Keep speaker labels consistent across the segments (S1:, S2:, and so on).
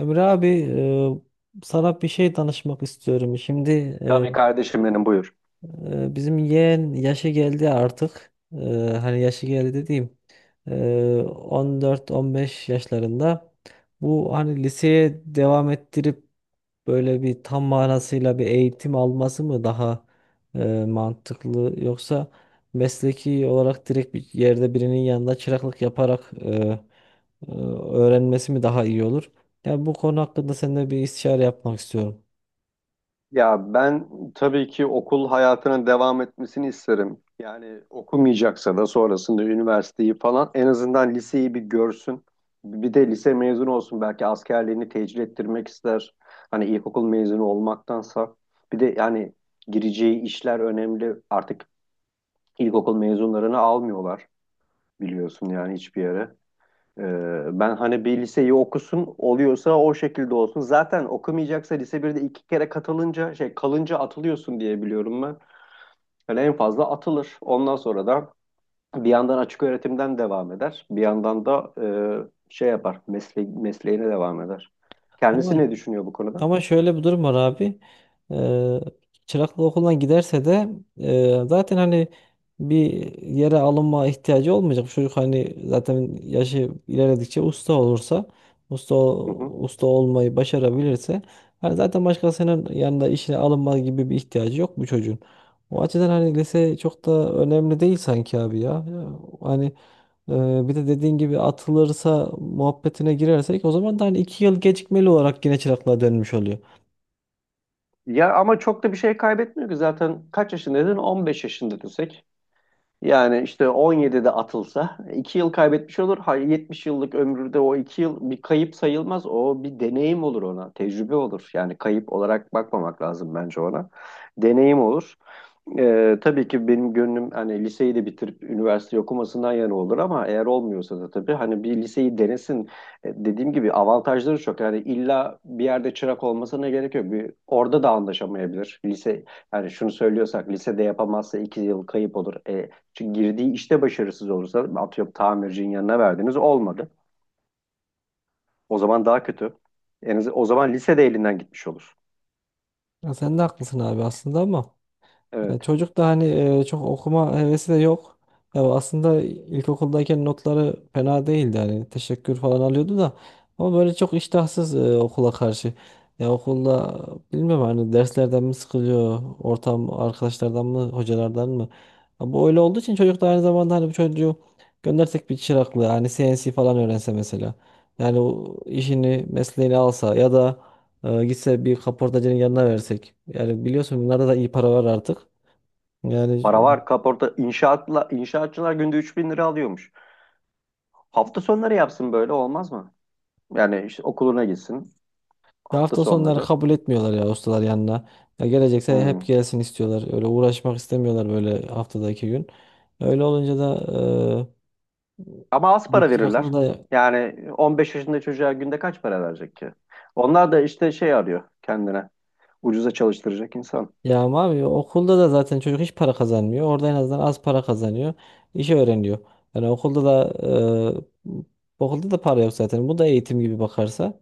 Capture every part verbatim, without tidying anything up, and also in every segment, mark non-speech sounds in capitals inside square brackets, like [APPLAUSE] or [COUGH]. S1: Emre abi, e, sana bir şey danışmak istiyorum. Şimdi e,
S2: Tabii kardeşim benim buyur.
S1: e, bizim yeğen yaşı geldi artık. E, hani yaşı geldi dediğim e, on dört on beş yaşlarında. Bu hani liseye devam ettirip böyle bir tam manasıyla bir eğitim alması mı daha e, mantıklı, yoksa mesleki olarak direkt bir yerde birinin yanında çıraklık yaparak e, e, öğrenmesi mi daha iyi olur? Yani bu konu hakkında seninle bir istişare yapmak istiyorum.
S2: Ya ben tabii ki okul hayatının devam etmesini isterim. Yani okumayacaksa da sonrasında üniversiteyi falan en azından liseyi bir görsün. Bir de lise mezunu olsun belki askerliğini tecil ettirmek ister. Hani ilkokul mezunu olmaktansa. Bir de yani gireceği işler önemli. Artık ilkokul mezunlarını almıyorlar biliyorsun yani hiçbir yere. Ee, ben hani bir liseyi okusun oluyorsa o şekilde olsun. Zaten okumayacaksa lise birde iki kere katılınca şey kalınca atılıyorsun diye biliyorum ben. Yani en fazla atılır. Ondan sonra da bir yandan açık öğretimden devam eder. Bir yandan da e, şey yapar mesle mesleğine devam eder. Kendisi
S1: Ama
S2: ne düşünüyor bu konuda?
S1: Ama şöyle bir durum var abi. Eee Çıraklık okuldan giderse de eee, zaten hani bir yere alınma ihtiyacı olmayacak. Bu çocuk hani zaten yaşı ilerledikçe usta olursa, usta
S2: Hı hı.
S1: usta olmayı başarabilirse hani zaten başkasının yanında işine alınma gibi bir ihtiyacı yok bu çocuğun. O açıdan hani lise çok da önemli değil sanki abi ya. Hani ee, bir de dediğin gibi atılırsa muhabbetine girersek o zaman da hani iki yıl gecikmeli olarak yine çıraklığa dönmüş oluyor.
S2: Ya ama çok da bir şey kaybetmiyor ki zaten kaç yaşındaydın? on beş yaşında desek. Yani işte on yedide atılsa iki yıl kaybetmiş olur. Hayır, yetmiş yıllık ömründe o iki yıl bir kayıp sayılmaz. O bir deneyim olur ona. Tecrübe olur. Yani kayıp olarak bakmamak lazım bence ona. Deneyim olur. Ee, tabii ki benim gönlüm hani liseyi de bitirip üniversite okumasından yana olur ama eğer olmuyorsa da tabii hani bir liseyi denesin. E, dediğim gibi avantajları çok. Yani illa bir yerde çırak olmasına gerek yok. Bir, orada da anlaşamayabilir. Lise yani şunu söylüyorsak lisede yapamazsa iki yıl kayıp olur. E, çünkü girdiği işte başarısız olursa atıyorum tamircinin yanına verdiniz olmadı. O zaman daha kötü. En az, o zaman lisede elinden gitmiş olur.
S1: Ya sen de haklısın abi aslında ama. E,
S2: Evet.
S1: Çocuk da hani e, çok okuma hevesi de yok. Ya aslında ilkokuldayken notları fena değildi, hani teşekkür falan alıyordu da ama böyle çok iştahsız e, okula karşı. Ya okulda bilmiyorum, hani derslerden mi sıkılıyor, ortam arkadaşlardan mı, hocalardan mı? Ya bu öyle olduğu için çocuk da aynı zamanda hani bu çocuğu göndersek bir çıraklığı, hani C N C falan öğrense mesela. Yani o işini, mesleğini alsa ya da e, gitse bir kaportacının yanına versek. Yani biliyorsun bunlarda da iyi para var artık. Yani
S2: Para var, kaporta inşaatla inşaatçılar günde üç bin lira alıyormuş. Hafta sonları yapsın, böyle olmaz mı? Yani işte okuluna gitsin
S1: e,
S2: hafta
S1: hafta sonları
S2: sonları.
S1: kabul etmiyorlar ya ustalar yanına. Ya gelecekse hep
S2: Hmm.
S1: gelsin istiyorlar. Öyle uğraşmak istemiyorlar böyle haftada iki gün. Öyle olunca da
S2: Ama az
S1: e, bir
S2: para
S1: çıraklığı
S2: verirler.
S1: da
S2: Yani on beş yaşında çocuğa günde kaç para verecek ki? Onlar da işte şey arıyor kendine. Ucuza çalıştıracak insan.
S1: yağmalamıyor. Okulda da zaten çocuk hiç para kazanmıyor. Orada en azından az para kazanıyor. İşi öğreniyor. Yani okulda da e, okulda da para yok zaten. Bu da eğitim gibi bakarsa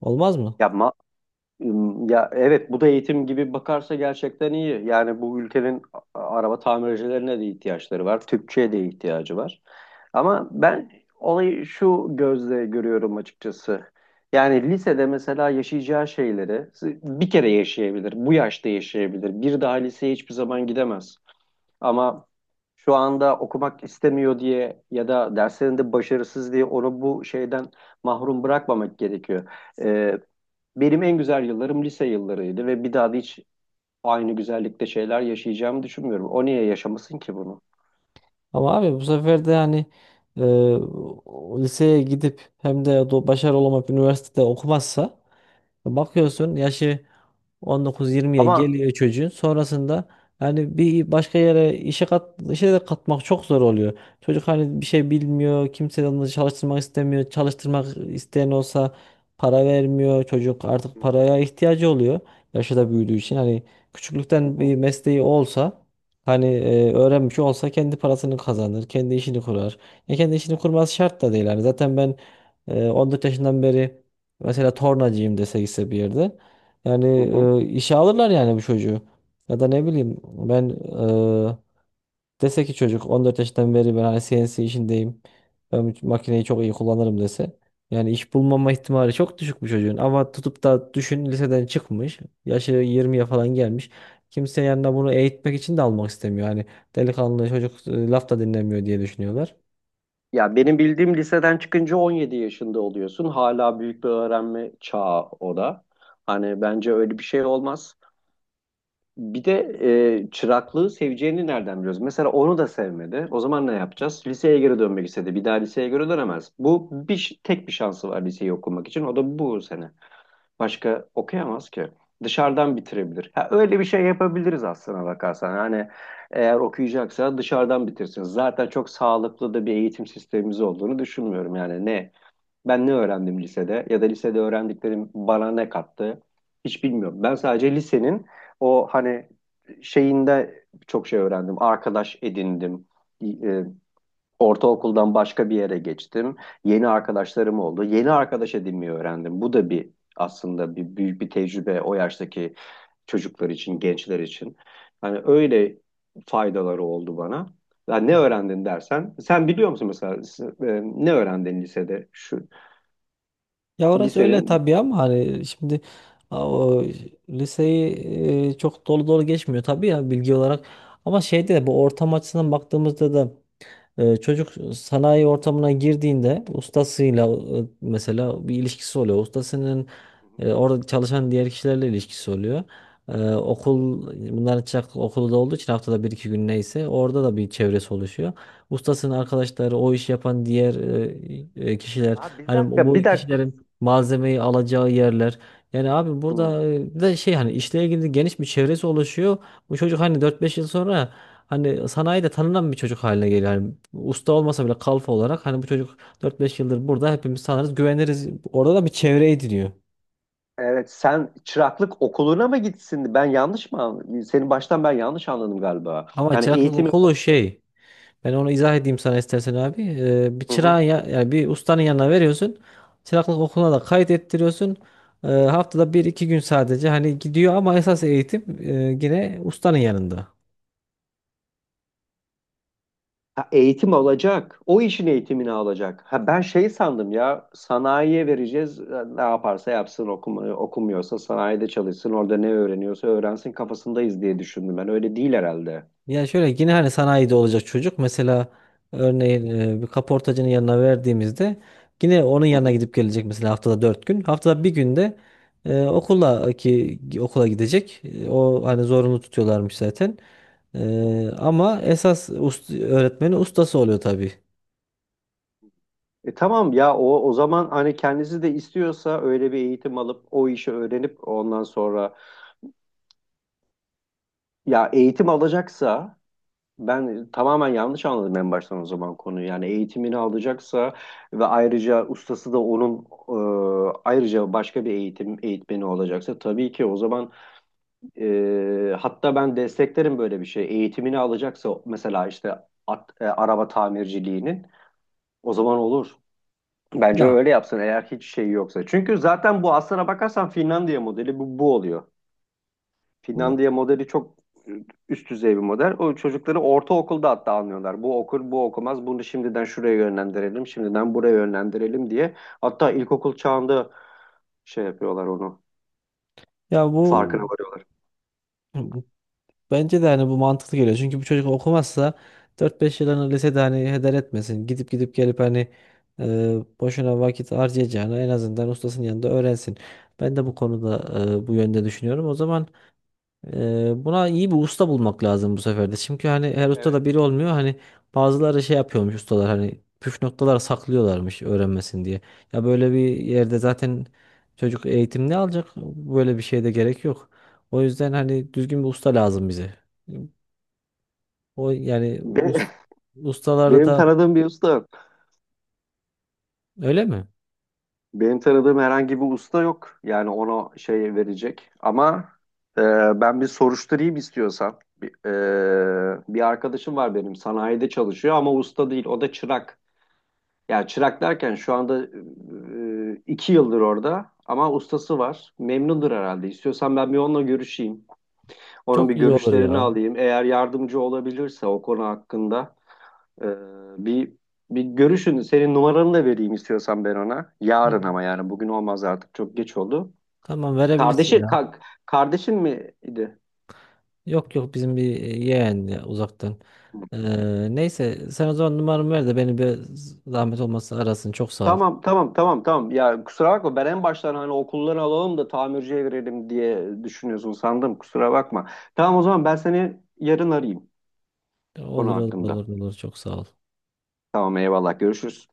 S1: olmaz mı?
S2: Ya Ya evet, bu da eğitim gibi bakarsa gerçekten iyi. Yani bu ülkenin a- araba tamircilerine de ihtiyaçları var. Tüpçüye de ihtiyacı var. Ama ben olayı şu gözle görüyorum açıkçası. Yani lisede mesela yaşayacağı şeyleri bir kere yaşayabilir, bu yaşta yaşayabilir. Bir daha liseye hiçbir zaman gidemez. Ama şu anda okumak istemiyor diye ya da derslerinde başarısız diye onu bu şeyden mahrum bırakmamak gerekiyor. Benim en güzel yıllarım lise yıllarıydı ve bir daha da hiç aynı güzellikte şeyler yaşayacağımı düşünmüyorum. O niye yaşamasın ki bunu?
S1: Ama abi bu sefer de hani e, o- liseye gidip hem de do- başarılı olmak, üniversitede okumazsa
S2: Hı hı.
S1: bakıyorsun yaşı on dokuz yirmiye
S2: Ama.
S1: geliyor çocuğun. Sonrasında yani bir başka yere işe kat, işe de katmak çok zor oluyor. Çocuk hani bir şey bilmiyor. Kimse de onu çalıştırmak istemiyor. Çalıştırmak isteyen olsa para vermiyor. Çocuk artık
S2: Hı hı.
S1: paraya ihtiyacı oluyor. Yaşı da büyüdüğü için hani
S2: Hı
S1: küçüklükten bir
S2: hı,
S1: mesleği olsa hani e, öğrenmiş olsa kendi parasını kazanır. Kendi işini kurar. Ya kendi işini kurması şart da değil. Hani zaten ben e, on dört yaşından beri mesela tornacıyım dese, gitse bir yerde. Yani
S2: hı hı.
S1: e, işe alırlar yani bu çocuğu. Ya da ne bileyim ben, e, dese ki çocuk on dört yaşından beri ben hani C N C işindeyim, ben bu makineyi çok iyi kullanırım dese. Yani iş bulmama ihtimali çok düşük bu çocuğun. Ama tutup da düşün, liseden çıkmış, yaşı yirmiye falan gelmiş. Kimse yanına bunu eğitmek için de almak istemiyor. Hani delikanlı çocuk e, laf da dinlemiyor diye düşünüyorlar.
S2: Ya benim bildiğim liseden çıkınca on yedi yaşında oluyorsun. Hala büyük bir öğrenme çağı o da. Hani bence öyle bir şey olmaz. Bir de e, çıraklığı seveceğini nereden biliyoruz? Mesela onu da sevmedi. O zaman ne yapacağız? Liseye geri dönmek istedi. Bir daha liseye geri dönemez. Bu bir, ş- tek bir şansı var liseyi okumak için. O da bu sene. Başka okuyamaz ki. Dışarıdan bitirebilir. Ha, öyle bir şey yapabiliriz aslına bakarsan. Hani eğer okuyacaksa dışarıdan bitirsin. Zaten çok sağlıklı da bir eğitim sistemimiz olduğunu düşünmüyorum. Yani ne ben ne öğrendim lisede ya da lisede öğrendiklerim bana ne kattı hiç bilmiyorum. Ben sadece lisenin o hani şeyinde çok şey öğrendim. Arkadaş edindim. E, Ortaokuldan başka bir yere geçtim. Yeni arkadaşlarım oldu. Yeni arkadaş edinmeyi öğrendim. Bu da bir, aslında bir büyük bir tecrübe o yaştaki çocuklar için, gençler için. Hani öyle faydaları oldu bana. Ya ne öğrendin dersen, sen biliyor musun mesela s- e, ne öğrendin lisede? Şu
S1: Ya orası öyle
S2: lisenin.
S1: tabii ama hani şimdi a- o liseyi e, çok dolu dolu geçmiyor tabii ya bilgi olarak. Ama şeyde de bu ortam açısından baktığımızda da ee, çocuk sanayi ortamına girdiğinde ustasıyla e, mesela bir ilişkisi oluyor. Ustasının,
S2: Hı hı,
S1: e, orada çalışan diğer kişilerle ilişkisi oluyor. Ee,
S2: hı hı.
S1: okul bunların çırak okulu da olduğu için haftada bir iki gün neyse orada da bir çevresi oluşuyor. Ustasının arkadaşları, o iş yapan diğer e, e, kişiler,
S2: Aa, bir
S1: hani bu
S2: dakika,
S1: bu
S2: bir dakika.
S1: kişilerin malzemeyi alacağı yerler. Yani abi burada
S2: Hmm.
S1: e, bir de şey, hani işle ilgili geniş bir çevresi oluşuyor. Bu çocuk hani dört beş yıl sonra hani sanayide tanınan bir çocuk haline geliyor. Hani usta olmasa bile kalfa olarak, hani bu çocuk dört beş yıldır burada, hepimiz tanırız, güveniriz. Orada da bir çevre ediniyor.
S2: Evet, sen çıraklık okuluna mı gitsin? Ben yanlış mı anladım? Seni baştan ben yanlış anladım galiba.
S1: Ama
S2: Yani
S1: çıraklık
S2: eğitimi.
S1: okulu şey. Ben onu izah edeyim sana istersen abi. Ee, bir
S2: Hı hı.
S1: çırağın ya, yani bir ustanın yanına veriyorsun. Çıraklık okuluna da kayıt ettiriyorsun. Ee, haftada bir iki gün sadece hani gidiyor ama esas eğitim e, yine ustanın yanında.
S2: Ha, eğitim alacak. O işin eğitimini alacak. Ha, ben şey sandım ya, sanayiye vereceğiz. e, Ne yaparsa yapsın, okuma, okumuyorsa sanayide çalışsın. Orada ne öğreniyorsa öğrensin kafasındayız diye düşündüm ben. Öyle değil herhalde.
S1: Ya şöyle, yine hani sanayide olacak çocuk, mesela örneğin e, bir kaportacının yanına verdiğimizde yine onun
S2: Hı
S1: yanına
S2: hı,
S1: gidip gelecek mesela haftada dört gün. Haftada bir günde e, okula, ki okula gidecek. E, o hani zorunlu tutuyorlarmış zaten.
S2: hı hı.
S1: E, ama esas ust- öğretmeni ustası oluyor tabii.
S2: E tamam ya, o o zaman hani kendisi de istiyorsa öyle bir eğitim alıp o işi öğrenip ondan sonra, ya eğitim alacaksa. Ben tamamen yanlış anladım en baştan o zaman konuyu. Yani eğitimini alacaksa ve ayrıca ustası da onun e, ayrıca başka bir eğitim eğitmeni olacaksa tabii ki o zaman e, hatta ben desteklerim böyle bir şey. Eğitimini alacaksa mesela işte at, e, araba tamirciliğinin, o zaman olur. Bence
S1: Ya
S2: öyle yapsın eğer hiç şey yoksa. Çünkü zaten bu, aslına bakarsan Finlandiya modeli bu, bu oluyor. Finlandiya modeli çok üst düzey bir model. O çocukları ortaokulda hatta anlıyorlar. Bu okur, bu okumaz. Bunu şimdiden şuraya yönlendirelim, şimdiden buraya yönlendirelim diye. Hatta ilkokul çağında şey yapıyorlar onu.
S1: ya bu
S2: Farkına varıyorlar.
S1: bence de hani bu mantıklı geliyor. Çünkü bu çocuk okumazsa dört beş yılını lisede hani heder etmesin. Gidip gidip gelip hani e, boşuna vakit harcayacağına en azından ustasının yanında öğrensin. Ben de bu konuda e, bu yönde düşünüyorum. O zaman, Eee, buna iyi bir usta bulmak lazım bu sefer de. Çünkü hani her usta
S2: Evet.
S1: da biri olmuyor. Hani bazıları şey yapıyormuş ustalar, hani püf noktalar saklıyorlarmış öğrenmesin diye. Ya böyle bir yerde zaten çocuk eğitim ne alacak? Böyle bir şeye de gerek yok. O yüzden hani düzgün bir usta lazım bize. O yani
S2: Be-
S1: us-
S2: [LAUGHS]
S1: ustaları
S2: Benim
S1: da
S2: tanıdığım bir usta yok.
S1: öyle mi?
S2: Benim tanıdığım herhangi bir usta yok. Yani ona şey verecek. Ama e, ben bir soruşturayım istiyorsan. Bir, e, bir arkadaşım var benim, sanayide çalışıyor ama usta değil. O da çırak. Ya çırak derken şu anda e, e, iki yıldır orada ama ustası var. Memnundur herhalde. İstiyorsan ben bir onunla görüşeyim. Onun bir
S1: Çok iyi olur
S2: görüşlerini
S1: ya.
S2: alayım. Eğer yardımcı olabilirse o konu hakkında e, bir bir görüşün. Senin numaranı da vereyim istiyorsan ben ona. Yarın ama, yani bugün olmaz artık, çok geç oldu.
S1: Tamam,
S2: Kardeşi
S1: verebilirsin ya.
S2: ka- Kardeşin miydi?
S1: Yok yok, bizim bir yeğen ya, uzaktan. Ee, neyse sen o zaman numaramı ver de beni bir zahmet olmazsa arasın. Çok sağ ol.
S2: Tamam, tamam, tamam, tamam. Ya kusura bakma, ben en baştan hani okulları alalım da tamirciye verelim diye düşünüyorsun sandım. Kusura bakma. Tamam, o zaman ben seni yarın arayayım konu
S1: Olur olur
S2: hakkında.
S1: olur olur, çok sağ ol.
S2: Tamam, eyvallah, görüşürüz.